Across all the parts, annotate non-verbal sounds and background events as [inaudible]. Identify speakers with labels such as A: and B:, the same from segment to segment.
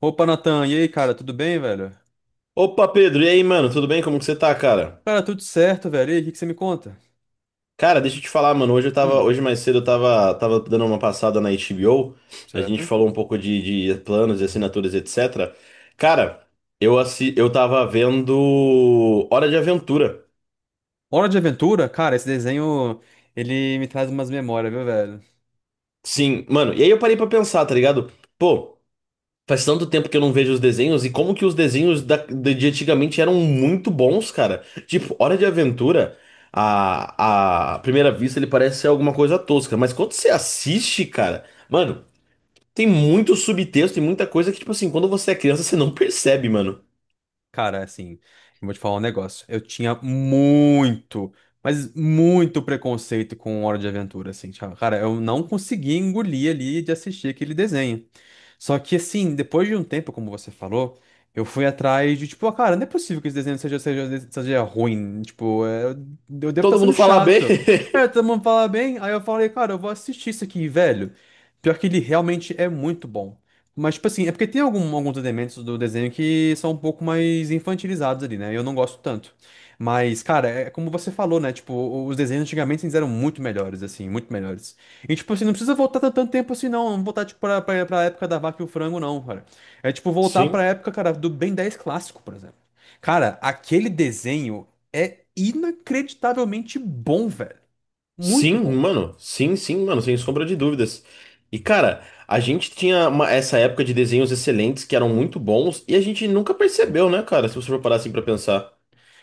A: Opa, Natan, e aí, cara, tudo bem, velho?
B: Opa, Pedro, e aí, mano? Tudo bem? Como que você tá, cara?
A: Cara, tudo certo, velho. E aí, o que que você me conta?
B: Cara, deixa eu te falar, mano. Hoje eu tava,
A: Hum,
B: hoje mais cedo eu tava, dando uma passada na HBO. A gente
A: certo.
B: falou um pouco de planos e assinaturas, etc. Cara, eu tava vendo Hora de Aventura.
A: Hora de Aventura? Cara, esse desenho, ele me traz umas memórias, viu, velho?
B: Sim, mano. E aí eu parei pra pensar, tá ligado? Pô. Faz tanto tempo que eu não vejo os desenhos e como que de antigamente eram muito bons, cara. Tipo, Hora de Aventura, a à primeira vista ele parece ser alguma coisa tosca, mas quando você assiste, cara, mano, tem muito subtexto e muita coisa que, tipo assim, quando você é criança, você não percebe, mano.
A: Cara, assim, eu vou te falar um negócio. Eu tinha muito, mas muito preconceito com Hora de Aventura, assim. Tipo, cara, eu não conseguia engolir ali de assistir aquele desenho. Só que assim, depois de um tempo, como você falou, eu fui atrás de, tipo, ah, cara, não é possível que esse desenho seja ruim. Tipo, é, eu devo estar
B: Todo mundo
A: sendo
B: fala bem. [laughs]
A: chato. É, todo mundo fala bem, aí eu falei, cara, eu vou assistir isso aqui, velho. Pior que ele realmente é muito bom. Mas, tipo assim, é porque tem alguns elementos do desenho que são um pouco mais infantilizados ali, né? Eu não gosto tanto. Mas, cara, é como você falou, né? Tipo, os desenhos antigamente eles eram muito melhores, assim, muito melhores. E, tipo assim, não precisa voltar tanto tanto tempo assim, não. Não voltar, tipo, pra época da vaca e o frango, não, cara. É, tipo, voltar pra
B: Sim.
A: época, cara, do Ben 10 clássico, por exemplo. Cara, aquele desenho é inacreditavelmente bom, velho.
B: Sim,
A: Muito bom.
B: mano. Sim, sim, mano, sem sombra de dúvidas. E, cara, a gente tinha uma- essa época de desenhos excelentes que eram muito bons e a gente nunca percebeu, né, cara? Se você for parar assim pra pensar.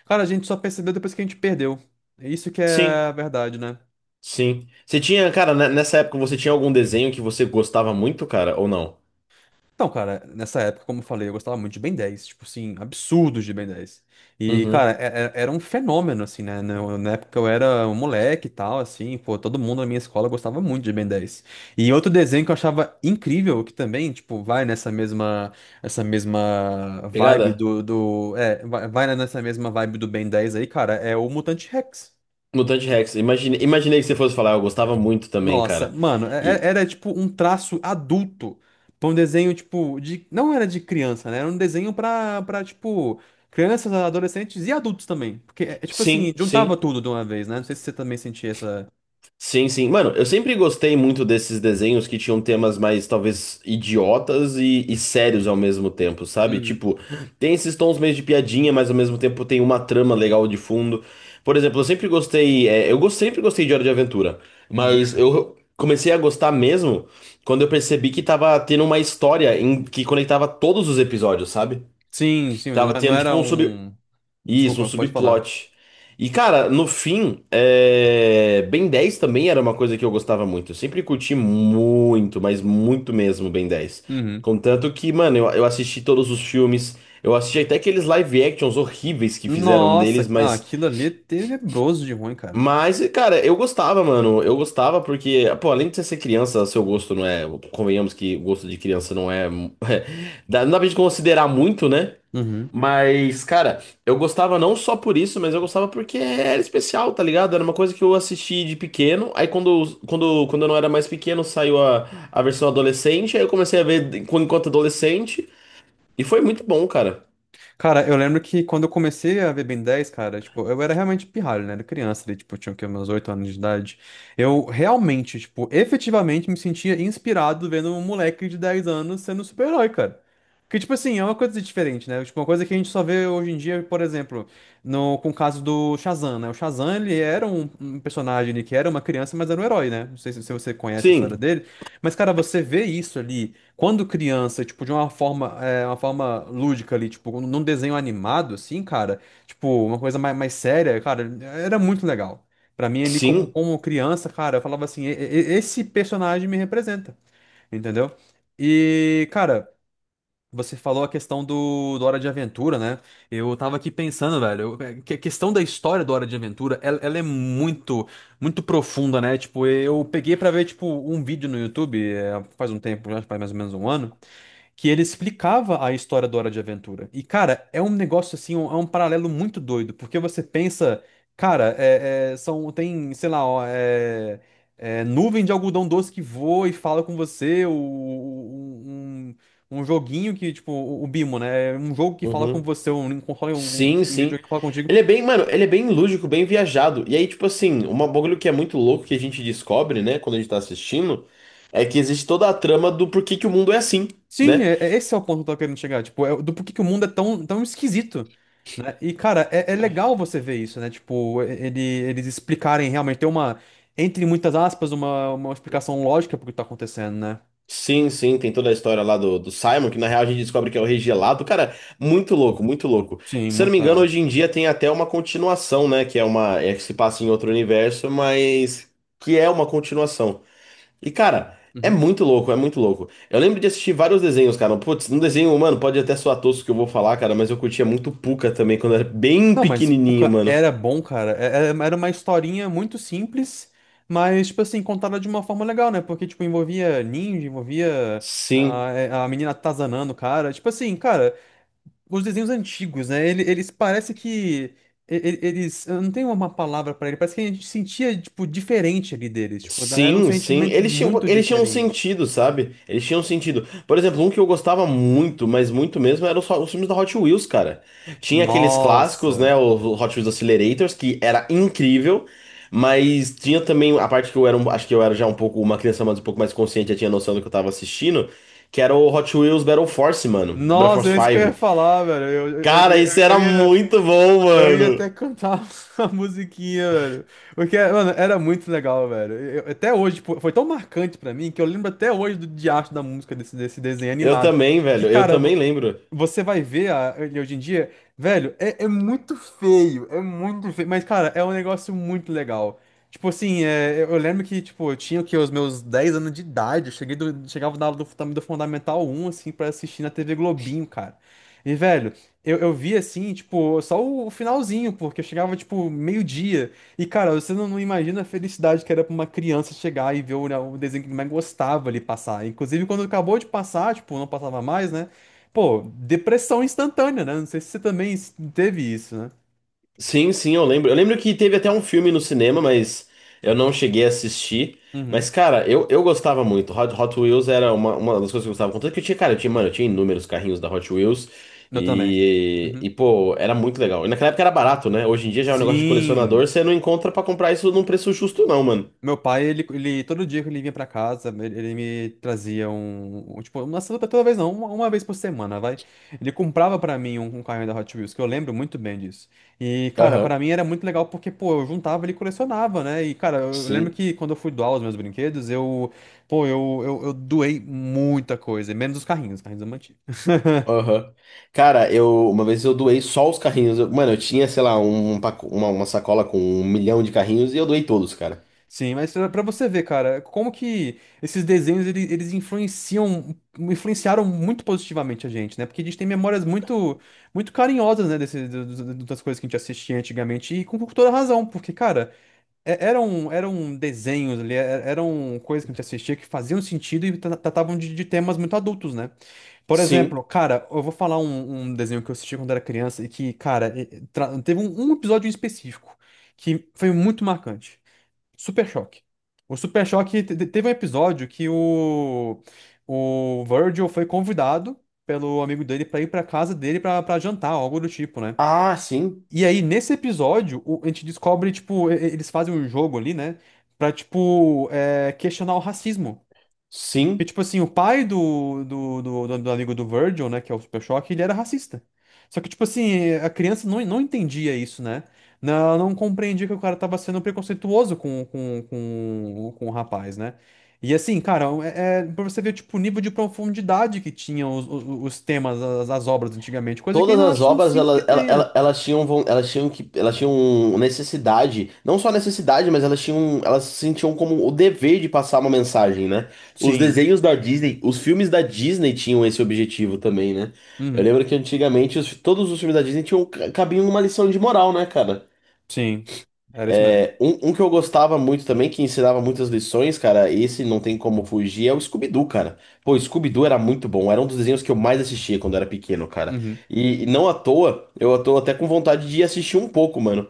A: Cara, a gente só percebeu depois que a gente perdeu. É isso que é
B: Sim,
A: a verdade, né?
B: sim. Você tinha, cara, nessa época você tinha algum desenho que você gostava muito, cara, ou não?
A: Então, cara, nessa época, como eu falei, eu gostava muito de Ben 10, tipo assim, absurdos de Ben 10. E, cara,
B: Uhum.
A: era um fenômeno, assim, né? Na época eu era um moleque e tal, assim, pô, todo mundo na minha escola gostava muito de Ben 10. E outro desenho que eu achava incrível, que também, tipo, vai nessa mesma, essa mesma vibe
B: Pegada?
A: do, do, é, vai vai nessa mesma vibe do Ben 10 aí, cara, é o Mutante Rex.
B: Mutante Rex. Imaginei que você fosse falar, eu gostava muito também,
A: Nossa,
B: cara.
A: mano, é- é-
B: E
A: era tipo um traço adulto pra um desenho, tipo, de. Não era de criança, né? Era um desenho pra, pra tipo, crianças, adolescentes e adultos também. Porque, é tipo assim,
B: sim,
A: juntava
B: sim.
A: tudo de uma vez, né? Não sei se você também sentia essa.
B: Sim, sim. Mano, eu sempre gostei muito desses desenhos que tinham temas mais, talvez, idiotas e sérios ao mesmo tempo, sabe?
A: Uhum,
B: Tipo, tem esses tons meio de piadinha, mas ao mesmo tempo tem uma trama legal de fundo. Por exemplo, eu sempre gostei. Sempre gostei de Hora de Aventura,
A: uhum.
B: mas eu comecei a gostar mesmo quando eu percebi que tava tendo uma que conectava todos os episódios, sabe?
A: Sim, sim, não,
B: Tava
A: não
B: tendo, tipo,
A: era
B: um sub.
A: um.
B: Isso, um
A: Desculpa, pode falar.
B: subplot. E, cara, no fim, é... Ben 10 também era uma coisa que eu gostava muito. Eu sempre curti muito, mas muito mesmo Ben dez.
A: Uhum.
B: Contanto que, mano, eu assisti todos os filmes. Eu assisti até aqueles live actions horríveis que fizeram
A: Nossa,
B: deles,
A: ah,
B: mas.
A: aquilo ali é tenebroso de ruim, cara.
B: Mas, cara, eu gostava, mano. Eu gostava porque, pô, além de você ser criança, seu gosto não é. Convenhamos que o gosto de criança não é. [laughs] Não dá pra gente considerar muito, né?
A: Uhum.
B: Mas, cara, eu gostava não só por isso, mas eu gostava porque era especial, tá ligado? Era uma coisa que eu assisti de pequeno. Aí quando eu não era mais pequeno, saiu a versão adolescente. Aí eu comecei a ver enquanto adolescente. E foi muito bom, cara.
A: Cara, eu lembro que quando eu comecei a ver Ben 10 cara, tipo, eu era realmente pirralho, né? Era criança, ali, tipo, eu tinha o quê, meus 8 anos de idade. Eu realmente, tipo, efetivamente me sentia inspirado vendo um moleque de 10 anos sendo um super-herói, cara. Que, tipo assim, é uma coisa diferente, né? Tipo, uma coisa que a gente só vê hoje em dia, por exemplo, no, com o caso do Shazam, né? O Shazam, ele era um personagem ali que era uma criança, mas era um herói, né? Não sei se você conhece a história
B: Sim,
A: dele. Mas, cara, você vê isso ali. Quando criança, tipo, de uma forma, uma forma lúdica ali, tipo, num desenho animado, assim, cara, tipo, uma coisa mais séria, cara, era muito legal. Pra mim, ali, como,
B: sim.
A: como criança, cara, eu falava assim, "Esse personagem me representa, entendeu?" E, cara, você falou a questão do Hora de Aventura, né? Eu tava aqui pensando, velho, que a questão da história do Hora de Aventura, ela é muito, muito profunda, né? Tipo, eu peguei pra ver, tipo, um vídeo no YouTube, faz um tempo, já faz mais ou menos um ano, que ele explicava a história do Hora de Aventura. E, cara, é um negócio assim, é um paralelo muito doido, porque você pensa, cara, são, tem, sei lá, ó, nuvem de algodão doce que voa e fala com você, um joguinho que, tipo, o Bimo, né? É um jogo que fala com
B: Uhum.
A: você, um, console, um,
B: Sim,
A: um
B: sim.
A: videogame que fala contigo.
B: Ele é bem, mano, ele é bem lúdico, bem viajado. E aí, tipo assim, um bagulho que é muito louco que a gente descobre, né, quando a gente tá assistindo, é que existe toda a trama do porquê que o mundo é assim.
A: Sim,
B: Né?
A: esse é o ponto que eu tô querendo chegar, tipo, é do porquê que o mundo é tão, tão esquisito, né? E, cara, é legal você ver isso, né? Tipo, eles explicarem realmente, ter uma, entre muitas aspas, uma explicação lógica pro que tá acontecendo, né?
B: Sim, sim, tem toda a história lá do, do Simon, que na real a gente descobre que é o Rei Gelado. Cara, muito louco, muito louco.
A: Sim,
B: Se eu não
A: muito
B: me engano,
A: legal.
B: hoje em dia tem até uma continuação, né? Que é uma. É que se passa em outro universo, mas que é uma continuação. E, cara, é
A: Uhum.
B: muito louco, é muito louco. Eu lembro de assistir vários desenhos, cara. Putz, um desenho, mano, pode até soar tosco que eu vou falar, cara, mas eu curtia muito Pucca também, quando eu era bem
A: Não, mas, pô,
B: pequenininho, mano.
A: era bom, cara. Era uma historinha muito simples, mas, tipo assim, contada de uma forma legal, né? Porque, tipo, envolvia ninja, envolvia
B: Sim.
A: a menina atazanando o cara, tipo assim, cara. Os desenhos antigos, né? Eles, parece que eu não tenho uma palavra pra ele, parece que a gente sentia tipo diferente ali deles, tipo, era um
B: Sim, sim.
A: sentimento muito
B: Eles tinham um
A: diferente.
B: sentido, sabe? Eles tinham um sentido. Por exemplo, um que eu gostava muito, mas muito mesmo, eram os filmes da Hot Wheels, cara. Tinha aqueles clássicos,
A: Nossa.
B: né? O Hot Wheels Accelerators, que era incrível. Mas tinha também a parte que acho que eu era já um pouco uma criança mais um pouco mais consciente, já tinha noção do que eu tava assistindo, que era o Hot Wheels Battle Force, mano. Battle
A: Nossa,
B: Force
A: é isso que eu ia
B: 5.
A: falar, velho. Eu, eu, eu,
B: Cara,
A: eu-
B: isso era
A: eu ia,
B: muito bom,
A: eu ia
B: mano.
A: até cantar [laughs] a musiquinha, velho. Porque, mano, era muito legal, velho. Até hoje, tipo, foi tão marcante pra mim que eu lembro até hoje do diacho da música desse desenho
B: Eu
A: animado.
B: também,
A: Que,
B: velho. Eu
A: cara,
B: também lembro.
A: você vai ver ele hoje em dia, velho, é muito feio, é muito feio, mas, cara, é um negócio muito legal. Tipo assim, eu lembro que, tipo, eu tinha, o quê, os meus 10 anos de idade, eu cheguei chegava na aula do Fundamental um, assim, pra assistir na TV Globinho, cara. E, velho, eu vi, assim, tipo, só o finalzinho, porque eu chegava, tipo, meio-dia. E, cara, você não, não imagina a felicidade que era pra uma criança chegar e ver o, né, o desenho que mais gostava ali passar. Inclusive, quando acabou de passar, tipo, não passava mais, né? Pô, depressão instantânea, né? Não sei se você também teve isso, né?
B: Sim, sim, eu lembro. Eu lembro que teve até um filme no cinema, mas eu não cheguei a assistir.
A: Uhum.
B: Mas, cara, eu gostava muito. Hot Wheels era uma das coisas que eu gostava. Contanto que eu tinha, cara, eu tinha, mano, eu tinha inúmeros carrinhos da Hot Wheels.
A: Eu também. Uhum.
B: Pô, era muito legal. E naquela época era barato, né? Hoje em dia já é um negócio de
A: Sim.
B: colecionador, você não encontra pra comprar isso num preço justo, não, mano.
A: Meu pai, ele todo dia que ele vinha pra casa, ele me trazia tipo, uma pra toda vez não, uma vez por semana, vai. Ele comprava pra mim um carrinho da Hot Wheels, que eu lembro muito bem disso. E, cara, pra
B: Aham,
A: mim era muito legal porque, pô, eu juntava, ele colecionava, né? E, cara, eu lembro
B: sim,
A: que quando eu fui doar os meus brinquedos, eu. Pô, eu doei muita coisa, menos os carrinhos eu mantive.
B: aham. Cara, eu uma vez eu doei só os carrinhos. Mano, eu tinha, sei lá, uma sacola com um milhão de carrinhos e eu doei todos, cara.
A: Sim, mas pra você ver, cara, como que esses desenhos eles influenciaram muito positivamente a gente, né? Porque a gente tem memórias muito, muito carinhosas, né, das coisas que a gente assistia antigamente, e com toda razão, porque, cara, eram desenhos ali, eram coisas que a gente assistia que faziam sentido e tratavam de temas muito adultos, né? Por
B: Sim.
A: exemplo, cara, eu vou falar um desenho que eu assisti quando era criança e que, cara, teve um episódio em específico que foi muito marcante. Super Choque. O Super Choque teve um episódio que o Virgil foi convidado pelo amigo dele pra ir pra casa dele pra jantar, algo do tipo, né?
B: Ah, sim,
A: E aí, nesse episódio, a gente descobre, tipo, eles fazem um jogo ali, né? Pra, tipo, questionar o racismo. Porque,
B: sim.
A: tipo assim, o pai do amigo do Virgil, né, que é o Super Choque, ele era racista. Só que, tipo assim, a criança não, não entendia isso, né? Não, ela não compreendia que o cara tava sendo preconceituoso com o rapaz, né? E assim, cara, é pra você ver, tipo, o nível de profundidade que tinham os temas, as obras antigamente, coisa que eu
B: Todas as
A: não
B: obras
A: sinto que tenha.
B: elas tinham elas tinham que elas tinham necessidade, não só necessidade, mas elas tinham elas se sentiam como o dever de passar uma mensagem, né? Os
A: Sim.
B: desenhos da Disney, os filmes da Disney tinham esse objetivo também, né? Eu
A: Uhum.
B: lembro que antigamente todos os filmes da Disney tinham cabiam uma lição de moral, né, cara?
A: Sim. Era isso mesmo.
B: É, um que eu gostava muito também, que ensinava muitas lições, cara, esse não tem como fugir, é o Scooby-Doo, cara. Pô, o Scooby-Doo era muito bom, era um dos desenhos que eu mais assistia quando era pequeno, cara.
A: Uhum.
B: E não à toa, eu tô até com vontade de ir assistir um pouco, mano.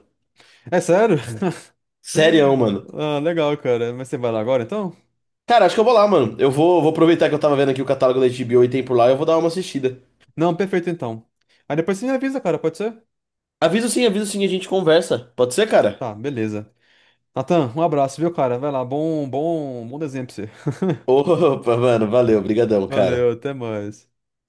A: É sério? [laughs]
B: Sério, mano.
A: Ah, legal, cara. Mas você vai lá agora, então?
B: Cara, acho que eu vou lá, mano. Vou aproveitar que eu tava vendo aqui o catálogo da HBO e tem por lá, eu vou dar uma assistida.
A: Não, perfeito então. Aí depois você me avisa, cara, pode ser?
B: Aviso sim, a gente conversa. Pode ser, cara?
A: Tá, beleza. Natan, um abraço, viu, cara? Vai lá, bom, bom, bom desenho pra você.
B: [laughs] Opa, mano, valeu,
A: [laughs]
B: brigadão,
A: Valeu,
B: cara.
A: até mais.